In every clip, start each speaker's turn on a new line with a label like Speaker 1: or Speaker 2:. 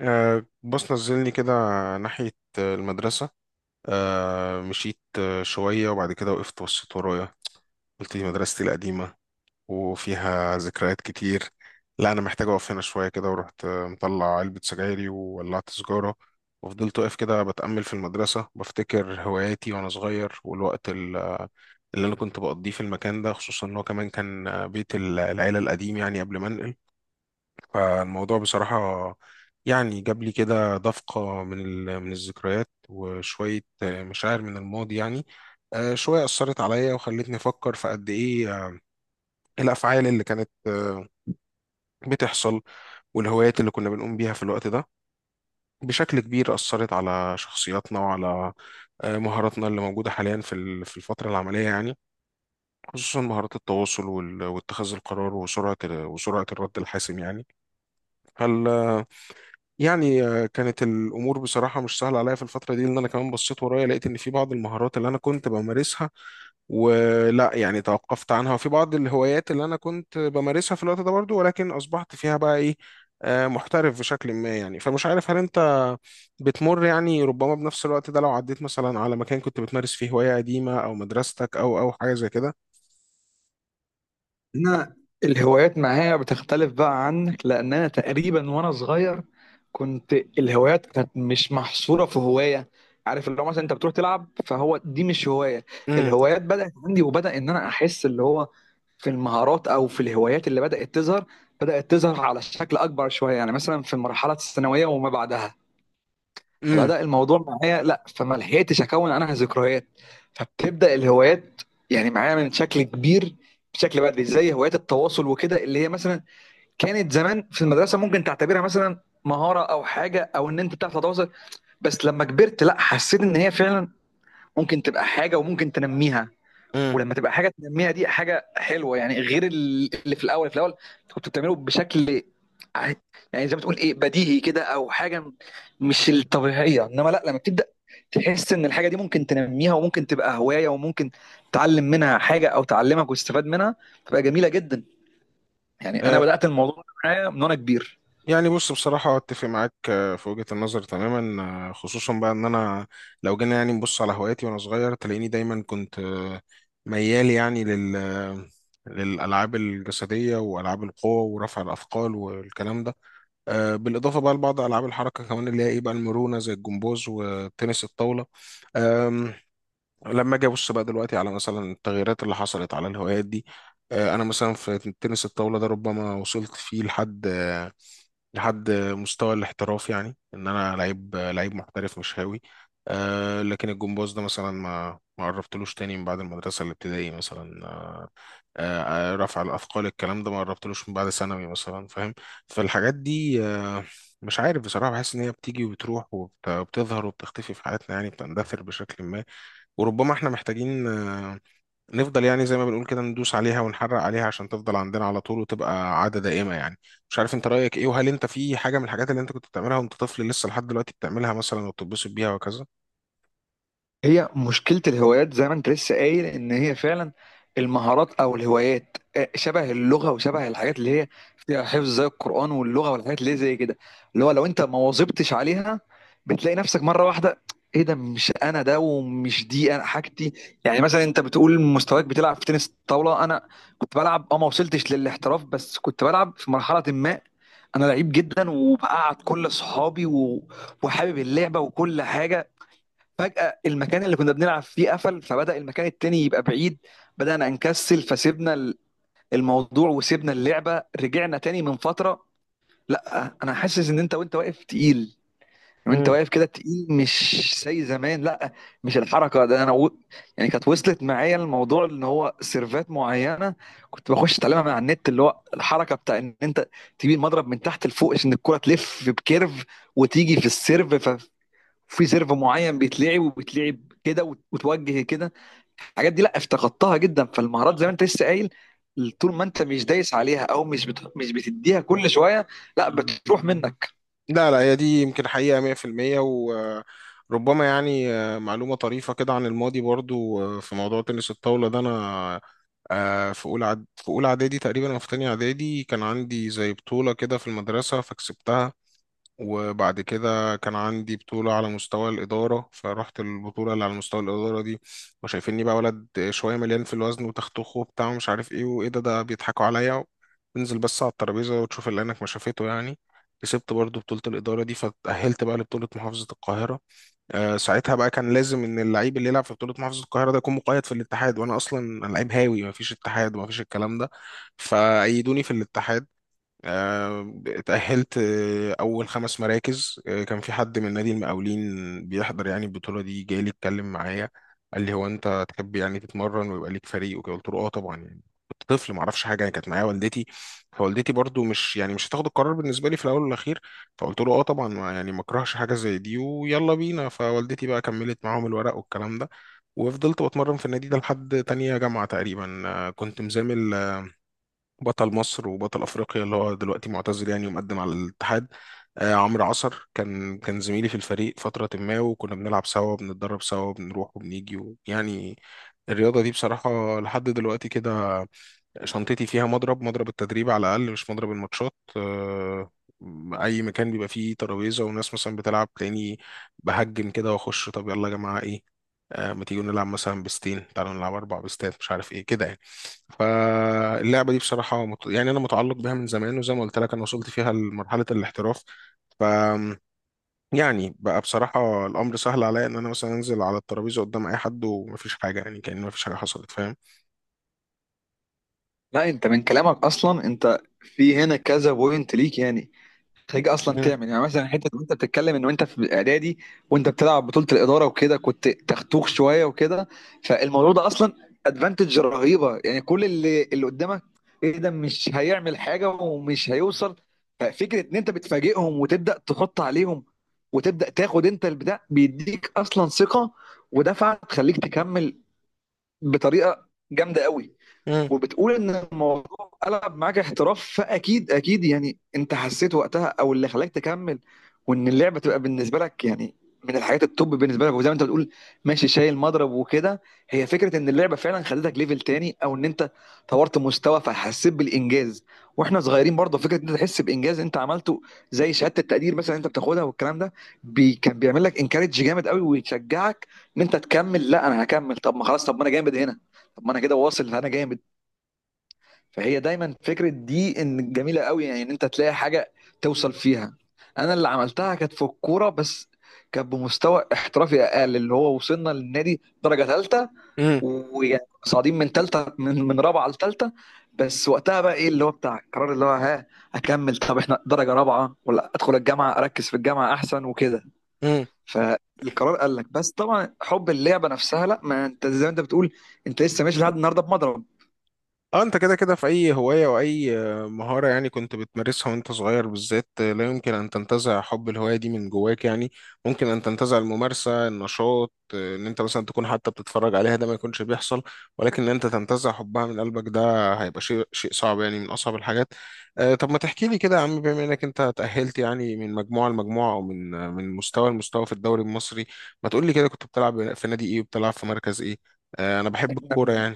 Speaker 1: بص نزلني كده ناحية المدرسة. مشيت شوية وبعد كده وقفت بصيت ورايا، قلت دي مدرستي القديمة وفيها ذكريات كتير. لا أنا محتاج أقف هنا شوية كده، ورحت مطلع علبة سجايري وولعت سجارة. وفضلت واقف كده بتأمل في المدرسة، بفتكر هواياتي وأنا صغير والوقت اللي أنا كنت بقضيه في المكان ده، خصوصا إن هو كمان كان بيت العيلة القديم، يعني قبل ما أنقل. فالموضوع بصراحة يعني جاب لي كده دفقة من الذكريات وشوية مشاعر من الماضي، يعني شوية أثرت عليا وخلتني أفكر في قد إيه الأفعال اللي كانت بتحصل، والهوايات اللي كنا بنقوم بيها في الوقت ده بشكل كبير أثرت على شخصياتنا وعلى مهاراتنا اللي موجودة حاليا في الفترة العملية، يعني خصوصا مهارات التواصل واتخاذ القرار وسرعة الرد الحاسم يعني. هل يعني كانت الامور بصراحه مش سهله عليا في الفتره دي، لان انا كمان بصيت ورايا لقيت ان في بعض المهارات اللي انا كنت بمارسها ولا يعني توقفت عنها، وفي بعض الهوايات اللي انا كنت بمارسها في الوقت ده برضو، ولكن اصبحت فيها بقى ايه، محترف بشكل ما يعني. فمش عارف هل انت بتمر يعني ربما بنفس الوقت ده، لو عديت مثلا على مكان كنت بتمارس فيه هواية قديمة او مدرستك او حاجة زي كده.
Speaker 2: انا، الهوايات معايا بتختلف بقى عنك. لان انا تقريبا وانا صغير كنت الهوايات كانت مش محصوره في هوايه. عارف، اللي هو مثلا انت بتروح تلعب فهو دي مش هوايه.
Speaker 1: امم.
Speaker 2: الهوايات بدات عندي، وبدا ان انا احس اللي هو في المهارات او في الهوايات اللي بدات تظهر، بدات تظهر على شكل اكبر شويه. يعني مثلا في المرحله الثانويه وما بعدها فبدأ الموضوع معايا، لا فما لحقتش اكون انا ذكريات، فبتبدأ الهوايات يعني معايا من شكل كبير، بشكل بدري. زي هوايات التواصل وكده، اللي هي مثلا كانت زمان في المدرسة ممكن تعتبرها مثلا مهارة او حاجة، او ان انت بتعرف تتواصل. بس لما كبرت، لا حسيت ان هي فعلا ممكن تبقى حاجة وممكن تنميها. ولما تبقى حاجه تنميها دي حاجه حلوه، يعني غير اللي في الاول في الاول انت كنت بتعمله بشكل، ع- يعني زي ما تقول ايه، بديهي كده، او حاجه مش الطبيعيه. انما لا، لما بتبدا تحس ان الحاجه دي ممكن تنميها وممكن تبقى هوايه وممكن تعلم منها حاجه او تعلمك وتستفاد منها، تبقى جميله جدا. يعني انا
Speaker 1: امم.
Speaker 2: بدات الموضوع معايا من وانا كبير.
Speaker 1: يعني بص بصراحة أتفق معاك في وجهة النظر تماما. خصوصا بقى إن أنا لو جينا يعني نبص على هواياتي وأنا صغير تلاقيني دايما كنت ميال يعني لل آه، للألعاب الجسدية وألعاب القوة ورفع الأثقال والكلام ده. بالإضافة بقى لبعض ألعاب الحركة كمان اللي هي إيه بقى المرونة، زي الجمباز وتنس الطاولة. آم، لما أجي أبص بقى دلوقتي على مثلا التغييرات اللي حصلت على الهوايات دي، أنا مثلا في تنس الطاولة ده ربما وصلت فيه لحد لحد مستوى الاحتراف، يعني ان انا لعيب محترف مش هاوي. أه لكن الجمباز ده مثلا ما قربتلوش تاني من بعد المدرسة الابتدائي مثلا. أه آه، رفع الأثقال الكلام ده ما قربتلوش من بعد ثانوي مثلا، فاهم. فالحاجات دي مش عارف بصراحة، بحس إن هي بتيجي وبتروح وبتظهر وبتختفي في حياتنا، يعني بتندثر بشكل ما. وربما إحنا محتاجين نفضل يعني زي ما بنقول كده ندوس عليها ونحرق عليها عشان تفضل عندنا على طول وتبقى عادة دائمة يعني. مش عارف انت رأيك ايه، وهل انت في حاجة من الحاجات اللي انت كنت بتعملها وانت طفل لسه لحد دلوقتي بتعملها مثلا وبتتبسط بيها وكذا؟
Speaker 2: هي مشكلة الهوايات زي ما انت لسه قايل، ان هي فعلا المهارات او الهوايات شبه اللغة وشبه الحاجات اللي هي فيها حفظ زي القرآن واللغة والحاجات اللي هي زي كده. اللي هو لو انت ما واظبتش عليها بتلاقي نفسك مرة واحدة، ايه ده؟ مش انا ده، ومش دي انا حاجتي. يعني مثلا انت بتقول مستواك بتلعب في تنس طاولة، انا كنت بلعب، اه ما وصلتش للاحتراف بس كنت بلعب. في مرحلة ما انا لعيب جدا، وبقعد كل اصحابي وحابب اللعبة وكل حاجة. فجأة المكان اللي كنا بنلعب فيه قفل، فبدأ المكان التاني يبقى بعيد، بدأنا نكسل فسيبنا الموضوع وسيبنا اللعبة. رجعنا تاني من فترة، لا أنا حاسس إن أنت، وأنت واقف تقيل وأنت
Speaker 1: مم.
Speaker 2: واقف كده تقيل مش زي زمان. لا مش الحركة ده، أنا يعني كانت وصلت معايا الموضوع إن هو سيرفات معينة كنت بخش أتعلمها من على النت، اللي هو الحركة بتاع إن أنت تجيب المضرب من تحت لفوق عشان الكرة تلف بكيرف وتيجي في السيرف. في سيرف معين بيتلعب، وبيتلعب كده وتوجه كده. الحاجات دي لا افتقدتها جدا. فالمهارات زي ما انت لسه قايل، طول ما انت مش دايس عليها او مش بتديها كل شويه، لا بتروح منك.
Speaker 1: لا لا، هي دي يمكن حقيقة 100%. وربما يعني معلومة طريفة كده عن الماضي، برضو في موضوع تنس الطاولة ده أنا في أولى إعدادي تقريبا أو في تانية إعدادي كان عندي زي بطولة كده في المدرسة فكسبتها. وبعد كده كان عندي بطولة على مستوى الإدارة، فرحت البطولة اللي على مستوى الإدارة دي وشايفيني بقى ولد شوية مليان في الوزن وتختخه وبتاع ومش عارف إيه وإيه ده، ده بيضحكوا عليا. انزل بس على الترابيزة وتشوف اللي عينك ما شافته يعني. كسبت برضو بطولة الإدارة دي فتأهلت بقى لبطولة محافظة القاهرة. أه ساعتها بقى كان لازم إن اللعيب اللي يلعب في بطولة محافظة القاهرة ده يكون مقيد في الاتحاد، وأنا أصلا لعيب هاوي مفيش اتحاد ومفيش الكلام ده. فأيدوني في الاتحاد. اتأهلت أول 5 مراكز. كان في حد من نادي المقاولين بيحضر يعني البطولة دي، جاي لي اتكلم معايا قال لي هو أنت تحب يعني تتمرن ويبقى ليك فريق وكده. قلت له أه طبعا يعني كنت طفل ما اعرفش حاجه، يعني كانت معايا والدتي فوالدتي برضو مش يعني مش هتاخد القرار بالنسبه لي في الاول والاخير. فقلت له اه طبعا ما يعني ما اكرهش حاجه زي دي ويلا بينا، فوالدتي بقى كملت معاهم الورق والكلام ده. وفضلت بتمرن في النادي ده لحد تانية جامعه تقريبا. كنت مزامل بطل مصر وبطل افريقيا اللي هو دلوقتي معتزل، يعني ومقدم على الاتحاد. آه عمرو عصر كان زميلي في الفريق فترة ما، وكنا بنلعب سوا بنتدرب سوا بنروح وبنيجي يعني الرياضة دي بصراحة لحد دلوقتي كده شنطتي فيها مضرب، مضرب التدريب على الأقل مش مضرب الماتشات. أي مكان بيبقى فيه ترابيزة وناس مثلا بتلعب تلاقيني بهجم كده وأخش طب يلا يا جماعة إيه. ما تيجوا نلعب مثلا بستين، تعالوا نلعب 4 بستات مش عارف إيه كده يعني. فاللعبة دي بصراحة يعني أنا متعلق بيها من زمان، وزي ما قلت لك أنا وصلت فيها لمرحلة الاحتراف. ف يعني بقى بصراحة الأمر سهل عليا إن أنا مثلا أنزل على الترابيزة قدام أي حد ومفيش حاجة، يعني كأن مفيش حاجة حصلت، فاهم.
Speaker 2: لا انت من كلامك اصلا، انت في هنا كذا بوينت ليك يعني. خليك اصلا
Speaker 1: مم،
Speaker 2: تعمل يعني مثلا، حته وانت بتتكلم ان وانت في اعدادي وانت بتلعب بطوله الاداره وكده كنت تختوخ شويه وكده، فالموضوع ده اصلا ادفانتج رهيبه. يعني كل اللي قدامك، ايه ده؟ مش هيعمل حاجه ومش هيوصل. ففكره ان انت بتفاجئهم وتبدا تحط عليهم، وتبدا تاخد انت البتاع بيديك، اصلا ثقه ودفعه تخليك تكمل بطريقه جامده قوي. وبتقول ان الموضوع قلب معاك احتراف، فاكيد اكيد يعني انت حسيت وقتها، او اللي خلاك تكمل وان اللعبه تبقى بالنسبه لك يعني من الحاجات التوب بالنسبه لك. وزي ما انت بتقول ماشي شايل مضرب وكده، هي فكره ان اللعبه فعلا خلتك ليفل تاني، او ان انت طورت مستوى فحسيت بالانجاز. واحنا صغيرين برضه فكره ان انت تحس بانجاز انت عملته، زي شهاده التقدير مثلا انت بتاخدها والكلام ده، بي كان بيعمل لك انكارج جامد قوي ويشجعك ان انت تكمل. لا انا هكمل، طب ما خلاص، طب ما انا جامد هنا، طب ما انا كده واصل، انا جامد. فهي دايما فكرة دي ان جميلة قوي، يعني ان انت تلاقي حاجة توصل فيها. انا اللي عملتها كانت في الكورة بس، كانت بمستوى احترافي اقل، اللي هو وصلنا للنادي درجة ثالثة.
Speaker 1: مم،
Speaker 2: ويعني صاعدين من ثالثة، من رابعة لثالثة. بس وقتها بقى ايه اللي هو بتاع القرار، اللي هو ها اكمل؟ طب احنا درجة رابعة، ولا ادخل الجامعة اركز في الجامعة احسن وكده.
Speaker 1: مم،
Speaker 2: فالقرار قال لك بس، طبعا حب اللعبة نفسها لا، ما انت زي ما انت بتقول انت لسه ماشي لحد النهارده بمضرب.
Speaker 1: اه انت كده كده في اي هواية واي مهارة يعني كنت بتمارسها وانت صغير بالذات، لا يمكن ان تنتزع حب الهواية دي من جواك يعني. ممكن ان تنتزع الممارسة النشاط، ان انت مثلا تكون حتى بتتفرج عليها ده ما يكونش بيحصل، ولكن ان انت تنتزع حبها من قلبك ده هيبقى شيء صعب، يعني من اصعب الحاجات. طب ما تحكي لي كده يا عم، بما انك انت تأهلت يعني من مجموعة لمجموعة او من مستوى لمستوى في الدوري المصري. ما تقول لي كده كنت بتلعب في نادي ايه وبتلعب في مركز ايه. انا بحب الكورة يعني.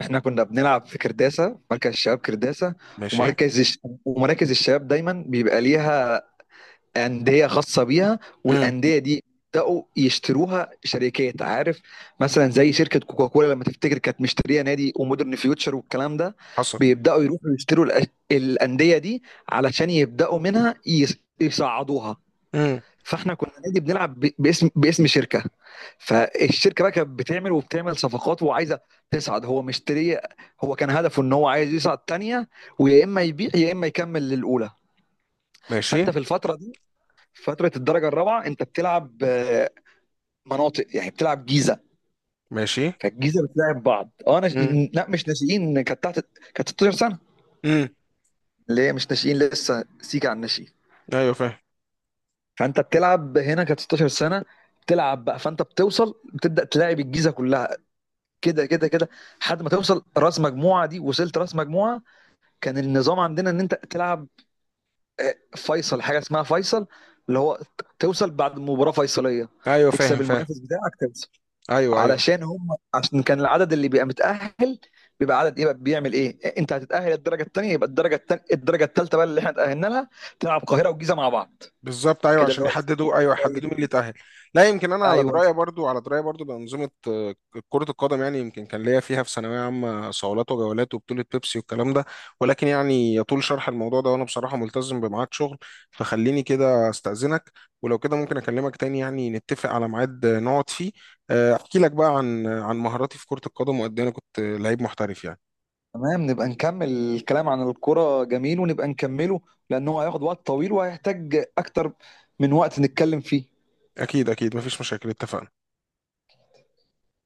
Speaker 2: احنا كنا بنلعب في كرداسة، مركز الشباب كرداسة.
Speaker 1: ماشي.
Speaker 2: ومركز الش... ومراكز الشباب دايما بيبقى ليها أندية خاصة بيها. والأندية دي بدأوا يشتروها شركات، عارف، مثلا زي شركة كوكاكولا لما تفتكر كانت مشترية نادي، ومودرن فيوتشر والكلام ده.
Speaker 1: حصل.
Speaker 2: بيبدأوا يروحوا يشتروا الأندية دي علشان يبدأوا منها يصعدوها.
Speaker 1: امم.
Speaker 2: فاحنا كنا نادي بنلعب باسم شركه. فالشركه بقى كانت بتعمل وبتعمل صفقات وعايزه تصعد، هو مشتري. هو كان هدفه ان هو عايز يصعد تانية، ويا اما يبيع يا اما يكمل للاولى.
Speaker 1: ماشي.
Speaker 2: فانت في الفتره دي، فتره الدرجه الرابعه، انت بتلعب مناطق، يعني بتلعب جيزه.
Speaker 1: ماشي.
Speaker 2: فالجيزه بتلعب بعض. اه انا،
Speaker 1: امم.
Speaker 2: لا مش ناشئين، كانت تحت، كانت 16 سنه
Speaker 1: امم.
Speaker 2: اللي هي مش ناشئين لسه سيكا عن الناشئين.
Speaker 1: ايوه فاهم.
Speaker 2: فانت بتلعب هنا كانت 16 سنه. بتلعب بقى فانت بتوصل بتبدا تلاعب الجيزه كلها كده كده كده، لحد ما توصل راس مجموعه. دي وصلت راس مجموعه، كان النظام عندنا ان انت تلعب فيصل، حاجه اسمها فيصل، اللي هو توصل بعد مباراه فيصليه،
Speaker 1: ايوه فاهم
Speaker 2: تكسب
Speaker 1: فاهم.
Speaker 2: المنافس بتاعك توصل.
Speaker 1: ايوه ايوه.
Speaker 2: علشان هم، عشان كان العدد اللي بيبقى متاهل بيبقى عدد ايه بقى، بيعمل ايه؟ انت هتتاهل الدرجه الثانيه. يبقى الدرجه التانية الدرجه الثالثه بقى اللي احنا اتاهلنا لها، تلعب القاهره والجيزه مع بعض.
Speaker 1: بالظبط ايوه
Speaker 2: كده
Speaker 1: عشان
Speaker 2: اللي هو
Speaker 1: يحددوا، ايوه
Speaker 2: زي
Speaker 1: يحددوا مين اللي
Speaker 2: الدنيا.
Speaker 1: تأهل. لا يمكن، انا على
Speaker 2: ايوه
Speaker 1: درايه برضو، على درايه برضو بانظمه كره القدم، يعني يمكن كان ليا فيها في ثانويه عامه صولات وجولات وبطوله بيبسي والكلام ده. ولكن يعني يطول شرح الموضوع ده، وانا بصراحه ملتزم بميعاد شغل فخليني كده استاذنك. ولو كده ممكن اكلمك تاني يعني نتفق على ميعاد نقعد فيه، احكي لك بقى عن مهاراتي في كره القدم وقد ايه انا كنت لعيب محترف يعني.
Speaker 2: تمام، نبقى نكمل الكلام عن الكرة، جميل ونبقى نكمله لأنه هياخد وقت طويل وهيحتاج أكتر من وقت نتكلم فيه.
Speaker 1: اكيد اكيد مفيش مشاكل اتفقنا.